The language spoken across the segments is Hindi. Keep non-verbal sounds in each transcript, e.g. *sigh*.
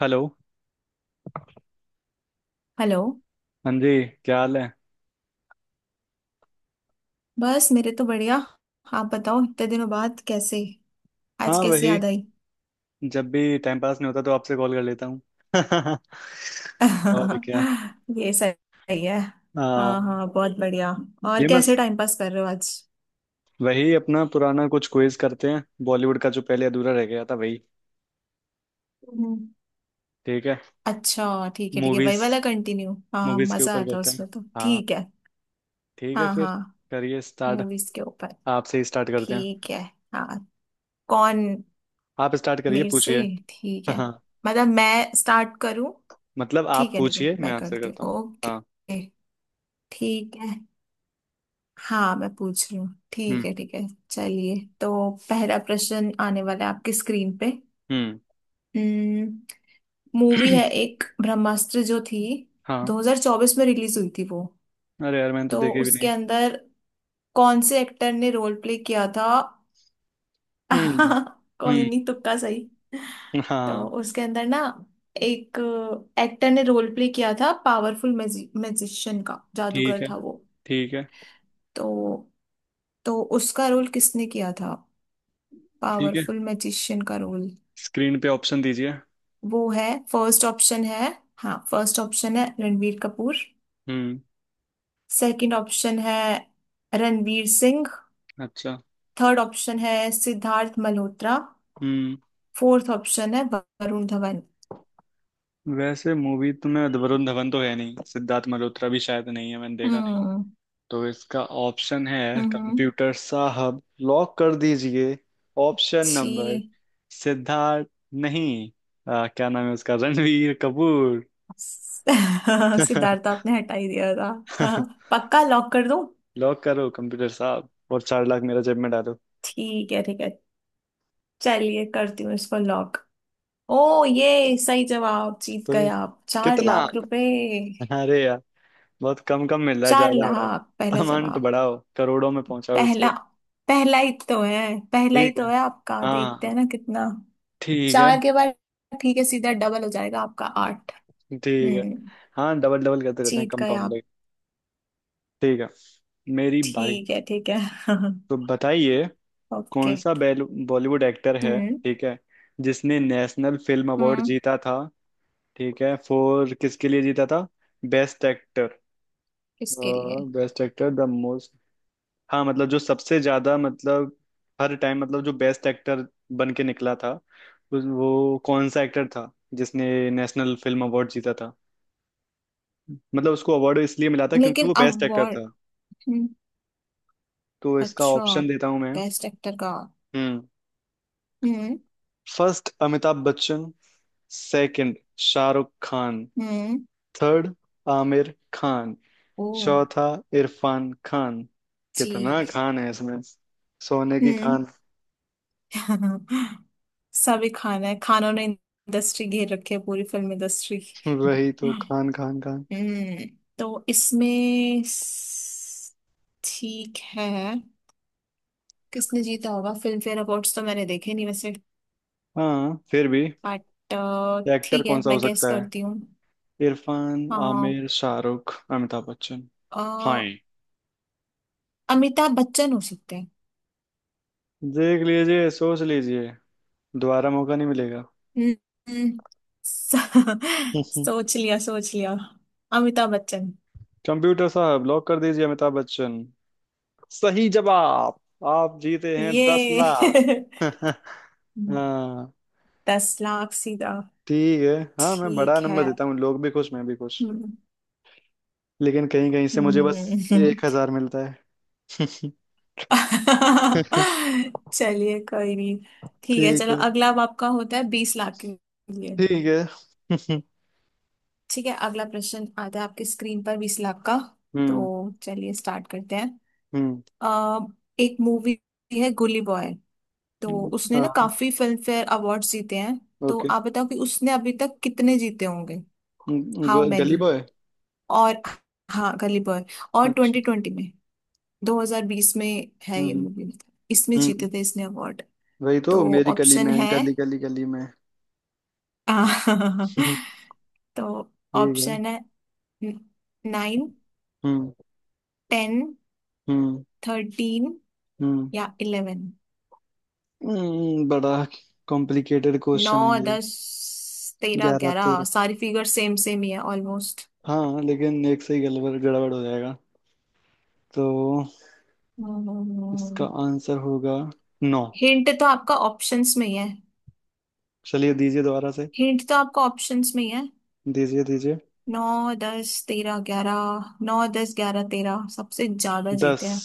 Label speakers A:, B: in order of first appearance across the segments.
A: हेलो।
B: हेलो।
A: हाँ जी, क्या हाल है?
B: बस मेरे तो बढ़िया। आप बताओ इतने दिनों बाद कैसे, आज
A: हाँ,
B: कैसे
A: वही,
B: याद आई।
A: जब भी टाइम पास नहीं होता तो आपसे कॉल कर लेता हूँ। *laughs* और क्या।
B: *laughs* ये सही है। हाँ
A: हाँ,
B: हाँ बहुत बढ़िया। और
A: ये
B: कैसे
A: बस
B: टाइम पास कर रहे हो आज?
A: वही अपना पुराना कुछ क्विज करते हैं बॉलीवुड का जो पहले अधूरा रह गया था, वही।
B: हम्म,
A: ठीक है।
B: अच्छा ठीक है वही वाला
A: मूवीज,
B: कंटिन्यू। हाँ
A: मूवीज के
B: मजा
A: ऊपर
B: आता है
A: करते हैं।
B: उसमें तो,
A: हाँ,
B: ठीक है।
A: ठीक है
B: हाँ
A: फिर,
B: हाँ।
A: करिए स्टार्ट।
B: मूवीज के ऊपर।
A: आपसे ही स्टार्ट करते हैं।
B: ठीक है। हाँ। कौन।
A: आप स्टार्ट करिए,
B: मेरे से?
A: पूछिए।
B: ठीक
A: *laughs*
B: है।
A: हाँ,
B: मतलब मैं स्टार्ट करूँ?
A: मतलब आप
B: ठीक है
A: पूछिए, मैं
B: मैं
A: आंसर
B: करती
A: करता
B: हूँ,
A: हूँ।
B: ओके।
A: हाँ।
B: ठीक है। हाँ मैं पूछ रही हूँ,
A: हम्म।
B: ठीक है चलिए, तो पहला प्रश्न आने वाला है आपकी स्क्रीन पे।
A: हम्म।
B: हम्म, मूवी है
A: *clears throat*
B: एक ब्रह्मास्त्र, जो थी
A: हाँ।
B: 2024 में रिलीज हुई थी वो।
A: अरे यार, मैंने तो
B: तो
A: देखे भी नहीं।
B: उसके अंदर कौन से एक्टर ने रोल प्ले किया था?
A: हम्म।
B: *laughs* कोई
A: हम्म।
B: नहीं, तुक्का सही। तो
A: हाँ,
B: उसके अंदर ना एक एक्टर ने रोल प्ले किया था पावरफुल मैजिशियन का,
A: ठीक
B: जादूगर
A: है।
B: था वो।
A: ठीक है,
B: तो तो उसका रोल किसने किया था?
A: ठीक है।
B: पावरफुल मैजिशियन का रोल।
A: स्क्रीन पे ऑप्शन दीजिए।
B: वो है फर्स्ट ऑप्शन है, हाँ फर्स्ट ऑप्शन है रणवीर कपूर।
A: हम्म।
B: सेकंड ऑप्शन है रणवीर सिंह।
A: अच्छा।
B: थर्ड ऑप्शन है सिद्धार्थ मल्होत्रा।
A: हम्म।
B: फोर्थ ऑप्शन है वरुण धवन।
A: वैसे मूवी तो मैं, वरुण धवन तो है नहीं, सिद्धार्थ मल्होत्रा भी शायद नहीं है, मैंने देखा नहीं।
B: हम्म।
A: तो इसका ऑप्शन है,
B: हम्म।
A: कंप्यूटर साहब लॉक कर दीजिए, ऑप्शन नंबर
B: जी।
A: सिद्धार्थ। नहीं। क्या नाम है उसका, रणवीर कपूर।
B: *laughs* सिद्धार्थ
A: *laughs*
B: आपने हटा ही दिया था हाँ, पक्का लॉक कर दूं?
A: लॉक करो कंप्यूटर साहब, और 4 लाख मेरा जेब में डालो।
B: ठीक है ठीक है, चलिए करती हूँ इसको लॉक। ओ ये सही जवाब, जीत गए
A: ओए,
B: आप चार
A: कितना?
B: लाख रुपए
A: अरे यार, बहुत कम कम मिल रहा है,
B: चार
A: ज्यादा बढ़ाओ।
B: लाख पहला
A: अमाउंट
B: जवाब।
A: बढ़ाओ, करोड़ों में पहुंचाओ इसको।
B: पहला, पहला ही तो है। पहला ही
A: ठीक है।
B: तो है आपका, देखते
A: हाँ,
B: हैं ना कितना।
A: ठीक है।
B: 4 के बाद, ठीक है सीधा डबल हो जाएगा आपका, आठ।
A: ठीक है।
B: हम्म।
A: हाँ, डबल डबल करते रहते हैं,
B: जीत गए आप।
A: कंपाउंडिंग। ठीक है, मेरी बारी।
B: ठीक है *laughs*
A: तो बताइए,
B: ओके।
A: कौन सा बॉलीवुड एक्टर है,
B: हम्म।
A: ठीक है, जिसने नेशनल फिल्म अवार्ड
B: हम्म।
A: जीता था? ठीक है, फॉर, किसके लिए जीता था? Best actor.
B: किसके लिए?
A: Best actor the. हाँ मतलब, जो सबसे ज्यादा, मतलब हर टाइम मतलब, जो बेस्ट एक्टर बन के निकला था, वो कौन सा एक्टर था जिसने नेशनल फिल्म अवार्ड जीता था, मतलब उसको अवार्ड इसलिए मिला था क्योंकि
B: लेकिन
A: वो बेस्ट एक्टर
B: अवार्ड।
A: था।
B: हम्म।
A: तो इसका
B: अच्छा,
A: ऑप्शन देता हूँ मैं।
B: बेस्ट एक्टर का।
A: हम्म।
B: हम्म।
A: फर्स्ट, अमिताभ बच्चन। सेकंड, शाहरुख खान।
B: हम्म।
A: थर्ड, आमिर खान।
B: ओ।
A: चौथा, इरफान खान। कितना
B: जी।
A: खान है इसमें? सोने की
B: हम्म।
A: खान।
B: *laughs* सभी खान है, खानों ने इंडस्ट्री घेर रखी है पूरी फिल्म इंडस्ट्री।
A: *laughs* वही तो, खान खान खान।
B: हम्म। तो इसमें ठीक है। किसने जीता होगा फिल्म फेयर अवार्ड्स तो मैंने देखे नहीं वैसे,
A: हाँ फिर भी,
B: बट
A: या एक्टर
B: ठीक
A: कौन
B: है
A: सा हो
B: मैं गेस
A: सकता है?
B: करती हूँ।
A: इरफान,
B: हाँ।
A: आमिर, शाहरुख, अमिताभ बच्चन।
B: अ,
A: हाँ।
B: अमिताभ बच्चन हो सकते हैं।
A: देख लीजिए, सोच लीजिए, दोबारा मौका नहीं मिलेगा।
B: हम्म। हम्म। स- *laughs*
A: *laughs*
B: सोच लिया सोच लिया। अमिताभ बच्चन।
A: कंप्यूटर साहब लॉक कर दीजिए, अमिताभ बच्चन। सही जवाब। आप जीते हैं दस
B: ये
A: लाख
B: *laughs*
A: *laughs* हाँ,
B: 10 लाख सीधा।
A: ठीक है। हाँ, मैं बड़ा
B: ठीक है।
A: नंबर देता हूँ, लोग भी खुश मैं भी खुश।
B: हम्म।
A: लेकिन कहीं कहीं से
B: हम्म।
A: मुझे
B: हम्म।
A: बस
B: हम्म। हम्म।
A: 1,000 मिलता है। *laughs*
B: *laughs* चलिए कोई नहीं, ठीक है
A: ठीक
B: चलो,
A: है।
B: अगला अब आपका होता है 20 लाख के लिए।
A: ठीक है। *laughs*
B: ठीक है, अगला प्रश्न आता है आपके स्क्रीन पर 20 लाख का।
A: हम्म।
B: तो चलिए स्टार्ट करते हैं।
A: हम्म।
B: अ, एक मूवी है गुली बॉय। तो उसने ना
A: हाँ।
B: काफी फिल्म फेयर अवार्ड्स जीते हैं। तो
A: ओके।
B: आप बताओ कि उसने अभी तक कितने जीते होंगे। हाउ
A: गली
B: मैनी,
A: बॉय।
B: और हाँ गली बॉय। और
A: अच्छा।
B: 2020 में, 2020 में है ये
A: हम्म।
B: मूवी। इसमें
A: हम्म। हम्म।
B: जीते थे इसने अवार्ड।
A: वही तो,
B: तो
A: मेरी गली
B: ऑप्शन
A: में,
B: है।
A: गली गली गली में।
B: आ,
A: हम्म,
B: *laughs* तो
A: ठीक है।
B: ऑप्शन है नाइन,
A: हम्म।
B: 10,
A: हम्म।
B: 13
A: हम्म।
B: या 11।
A: बड़ा कॉम्प्लिकेटेड
B: नौ,
A: क्वेश्चन है ये।
B: 10, 13,
A: 11,
B: 11,
A: 13।
B: सारी फिगर सेम सेम ही है ऑलमोस्ट।
A: हाँ, लेकिन एक से ही गड़बड़ गड़बड़ हो जाएगा। तो इसका आंसर होगा नौ।
B: हिंट तो आपका ऑप्शंस में ही है।
A: चलिए, दीजिए दोबारा से।
B: हिंट तो आपका ऑप्शंस में ही है।
A: दीजिए, दीजिए।
B: नौ, दस, तेरह, ग्यारह। नौ, दस, ग्यारह, तेरह, सबसे ज्यादा
A: 10
B: जीते हैं।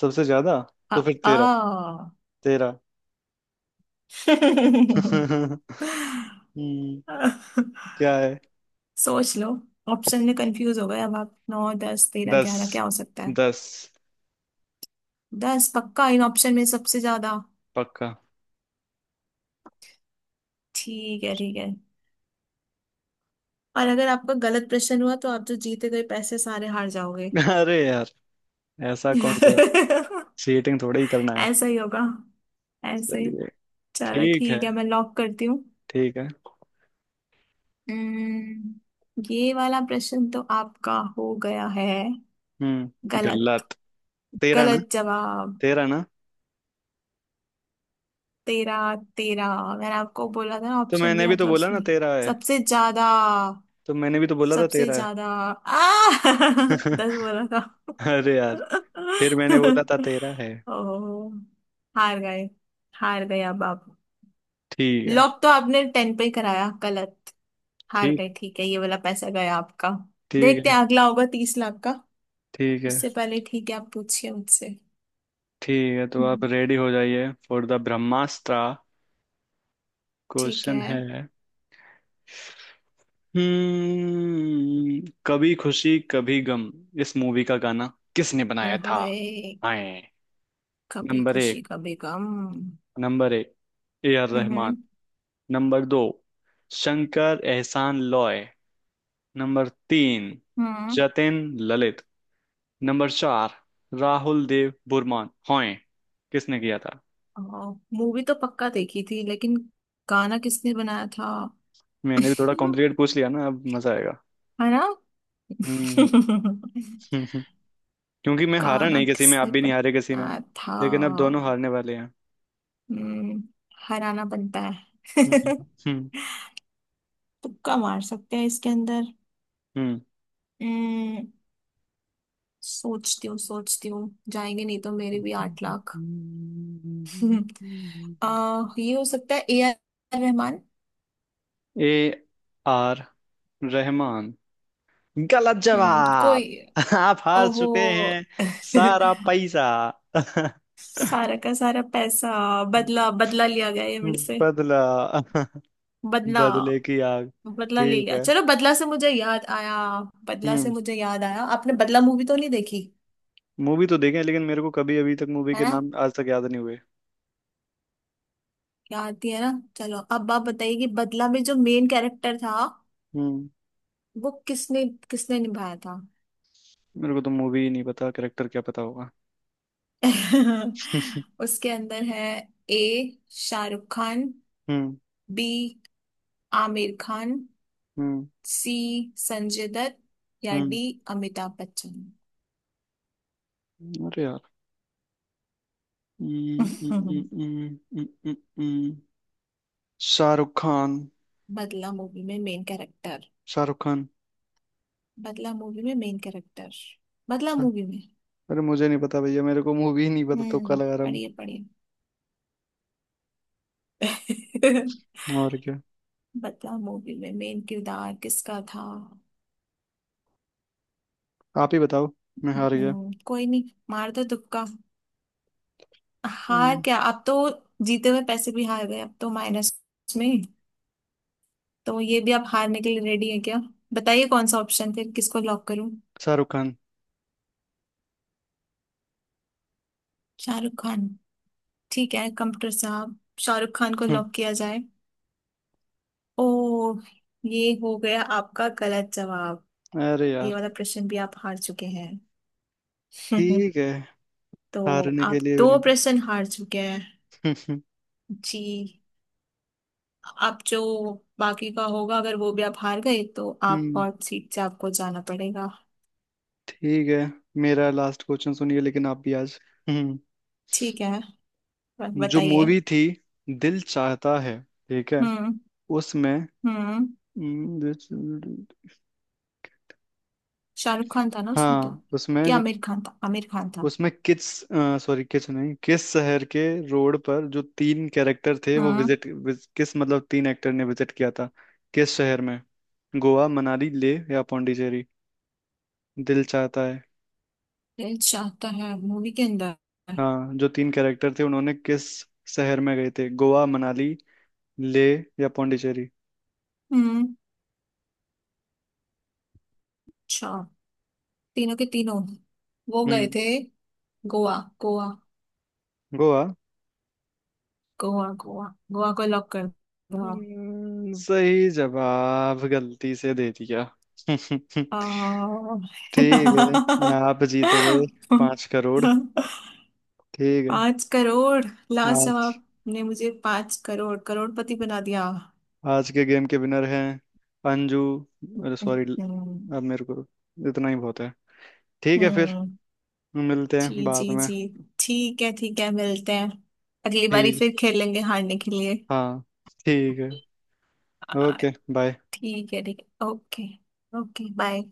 A: सबसे ज्यादा। तो फिर 13।
B: आ,
A: तेरह।
B: आ।
A: *laughs* हम्म।
B: *laughs*
A: क्या है?
B: सोच लो। ऑप्शन में कंफ्यूज हो गए अब आप, नौ दस तेरह
A: 10।
B: ग्यारह, क्या हो सकता है।
A: 10
B: दस पक्का, इन ऑप्शन में सबसे ज्यादा?
A: पक्का।
B: ठीक है ठीक है। और अगर आपका गलत प्रश्न हुआ तो आप जो जीते गए पैसे सारे हार जाओगे।
A: अरे यार, ऐसा कौन सा
B: *laughs*
A: चीटिंग थोड़े ही करना है।
B: ऐसा ही होगा, ऐसे ही।
A: चलिए।
B: चलो
A: ठीक है।
B: ठीक है मैं लॉक करती हूँ।
A: ठीक है।
B: हम्म, ये वाला प्रश्न तो आपका हो गया है
A: हम्म,
B: गलत।
A: गलत। तेरा ना।
B: गलत जवाब।
A: तेरा ना।
B: तेरह, तेरह मैंने आपको बोला था ना,
A: तो
B: ऑप्शन
A: मैंने
B: दिया
A: भी तो
B: था
A: बोला ना
B: उसमें।
A: तेरा है।
B: सबसे ज्यादा।
A: तो मैंने भी तो बोला था
B: सबसे
A: तेरा है।
B: ज्यादा आ *laughs* दस
A: *laughs*
B: बोला था।
A: अरे यार। फिर मैंने बोला था तेरा है।
B: *laughs* ओ। हार गए, हार गए अब आप।
A: ठीक है।
B: लॉक तो आपने टेन पे ही कराया, गलत। हार
A: ठीक।
B: गए, ठीक है ये वाला पैसा गया आपका।
A: ठीक
B: देखते
A: है।
B: हैं, अगला होगा 30 लाख का।
A: ठीक है।
B: उससे पहले ठीक है आप पूछिए मुझसे।
A: ठीक है, तो आप
B: हम्म,
A: रेडी हो जाइए फॉर द ब्रह्मास्त्र।
B: ठीक
A: क्वेश्चन
B: है।
A: है हम्म, कभी खुशी कभी गम। इस मूवी का गाना किसने बनाया
B: फिर
A: था?
B: होए,
A: आए।
B: कभी
A: नंबर
B: खुशी
A: एक,
B: कभी गम।
A: नंबर एक, ए आर रहमान।
B: हम्म।
A: नंबर दो, शंकर एहसान लॉय। नंबर तीन,
B: हम्म।
A: जतिन ललित। नंबर चार, राहुल देव बुरमान। हॉय, किसने किया था?
B: मूवी तो पक्का देखी थी लेकिन गाना किसने बनाया था?
A: मैंने भी थोड़ा
B: *laughs*
A: कॉम्प्लिकेट पूछ लिया ना, अब मजा आएगा।
B: है ना?
A: हम्म।
B: *laughs*
A: *laughs* क्योंकि मैं हारा
B: गाना
A: नहीं किसी में, आप
B: किसने
A: भी नहीं हारे किसी में,
B: बनाया था?
A: लेकिन अब दोनों हारने वाले हैं।
B: हम्म, हराना बनता है
A: हम्म।
B: *laughs*
A: हम्म।
B: तुक्का मार सकते हैं इसके अंदर।
A: हम्म।
B: हम्म, सोचती हूँ सोचती हूँ। जाएंगे नहीं तो मेरे भी 8 लाख। *laughs*
A: हम्म।
B: हम्म, ये हो सकता है A R Rahman.
A: A R Rahman, गलत
B: कोई।
A: जवाब। *laughs* आप हार
B: ओहो
A: चुके हैं सारा
B: *laughs*
A: पैसा। *laughs*
B: सारा का सारा पैसा। बदला, बदला लिया गया ये मेरे से।
A: बदला। *laughs*
B: बदला।
A: बदले की आग।
B: बदला ले
A: ठीक
B: लिया,
A: है।
B: चलो, बदला से मुझे याद आया। बदला से
A: हम्म,
B: मुझे याद आया, आपने बदला मूवी तो नहीं देखी?
A: मूवी तो देखे हैं, लेकिन मेरे को कभी, अभी तक मूवी
B: है
A: के
B: ना,
A: नाम आज तक याद नहीं हुए।
B: याद थी है ना। चलो अब आप बताइए कि बदला में जो मेन कैरेक्टर था,
A: हम्म।
B: वो किसने किसने निभाया था।
A: मेरे को तो मूवी ही नहीं पता, कैरेक्टर क्या पता होगा?
B: *laughs* उसके अंदर है। ए शाहरुख खान।
A: हम्म।
B: बी आमिर खान।
A: हम्म।
B: सी संजय दत्त। या
A: हम्म।
B: डी अमिताभ बच्चन।
A: अरे यार। हम्म,
B: *laughs*
A: हम्म, हम्म, हम्म, हम्म, हम्म, हम्म। शाहरुख खान।
B: बदला मूवी में main character.
A: Shahrukh Khan.
B: Badla movie में मेन कैरेक्टर। बदला
A: शाह-
B: मूवी में।
A: अरे मुझे नहीं पता भैया, मेरे को मूवी नहीं पता, तुक्का
B: हम्म,
A: लगा रहा हूँ।
B: पढ़िए पढ़िए। *laughs*
A: और क्या।
B: बता मूवी में मेन किरदार किसका था?
A: आप ही बताओ, मैं हार गया।
B: हम्म, कोई नहीं, मार दो तुक्का। हार
A: हम्म,
B: क्या अब तो, जीते हुए पैसे भी हार गए अब तो, माइनस में। तो ये भी आप हारने के लिए रेडी है क्या, बताइए कौन सा ऑप्शन, फिर किसको लॉक करूं?
A: शाहरुख खान।
B: शाहरुख खान। ठीक है, कंप्यूटर साहब, शाहरुख खान को
A: हम्म,
B: लॉक किया जाए। ओ ये हो गया आपका गलत जवाब।
A: अरे
B: ये
A: यार,
B: वाला प्रश्न भी आप हार चुके हैं।
A: ठीक
B: *laughs*
A: है।
B: तो
A: हारने के
B: आप
A: लिए
B: दो
A: मैंने,
B: प्रश्न हार चुके हैं।
A: हम्म।
B: जी, आप जो बाकी का होगा, अगर वो भी आप हार गए तो आप
A: हम्म,
B: हॉट सीट से, आपको जाना पड़ेगा।
A: ठीक है, मेरा लास्ट क्वेश्चन सुनिए, लेकिन आप भी आज। हम्म।
B: ठीक है
A: जो
B: बताइए।
A: मूवी थी, दिल चाहता है, ठीक है,
B: हम्म।
A: उसमें,
B: हम्म।
A: हम्म, दिल-
B: शाहरुख खान था ना उसमें तो?
A: हाँ, उसमें
B: क्या
A: जो,
B: आमिर खान था, आमिर खान था?
A: उसमें किस, सॉरी, किस नहीं, किस शहर के रोड पर जो तीन कैरेक्टर थे वो
B: हम्म,
A: विजिट, किस मतलब तीन एक्टर ने विजिट किया था, किस शहर में? गोवा, मनाली, ले, या पौंडीचेरी? दिल चाहता है।
B: दिल चाहता है मूवी के अंदर।
A: हाँ, जो तीन कैरेक्टर थे, उन्होंने किस शहर में गए थे? गोवा, मनाली, ले, या पौंडीचेरी?
B: हम्म अच्छा, तीनों के तीनों वो गए
A: हम्म,
B: थे गोवा। गोवा।
A: गोवा।
B: गोवा, गोवा। गोवा को लॉक कर दो।
A: सही जवाब, गलती से दे दिया।
B: आ,
A: *laughs* ठीक है,
B: *laughs*
A: आप जीत गए 5 करोड़। ठीक है।
B: 5 करोड़। लास्ट
A: आज,
B: जवाब ने मुझे 5 करोड़, करोड़पति बना दिया।
A: आज के गेम के विनर हैं, अंजू। अरे सॉरी।
B: हम्म।
A: अब मेरे को इतना ही बहुत है। ठीक है फिर,
B: हम्म,
A: मिलते हैं
B: जी जी
A: बाद में।
B: जी, ठीक है मिलते हैं। अगली बारी
A: ठीक।
B: फिर खेलेंगे हारने के लिए।
A: हाँ, ठीक है।
B: आ,
A: ओके बाय।
B: ठीक है ओके। Okay bye.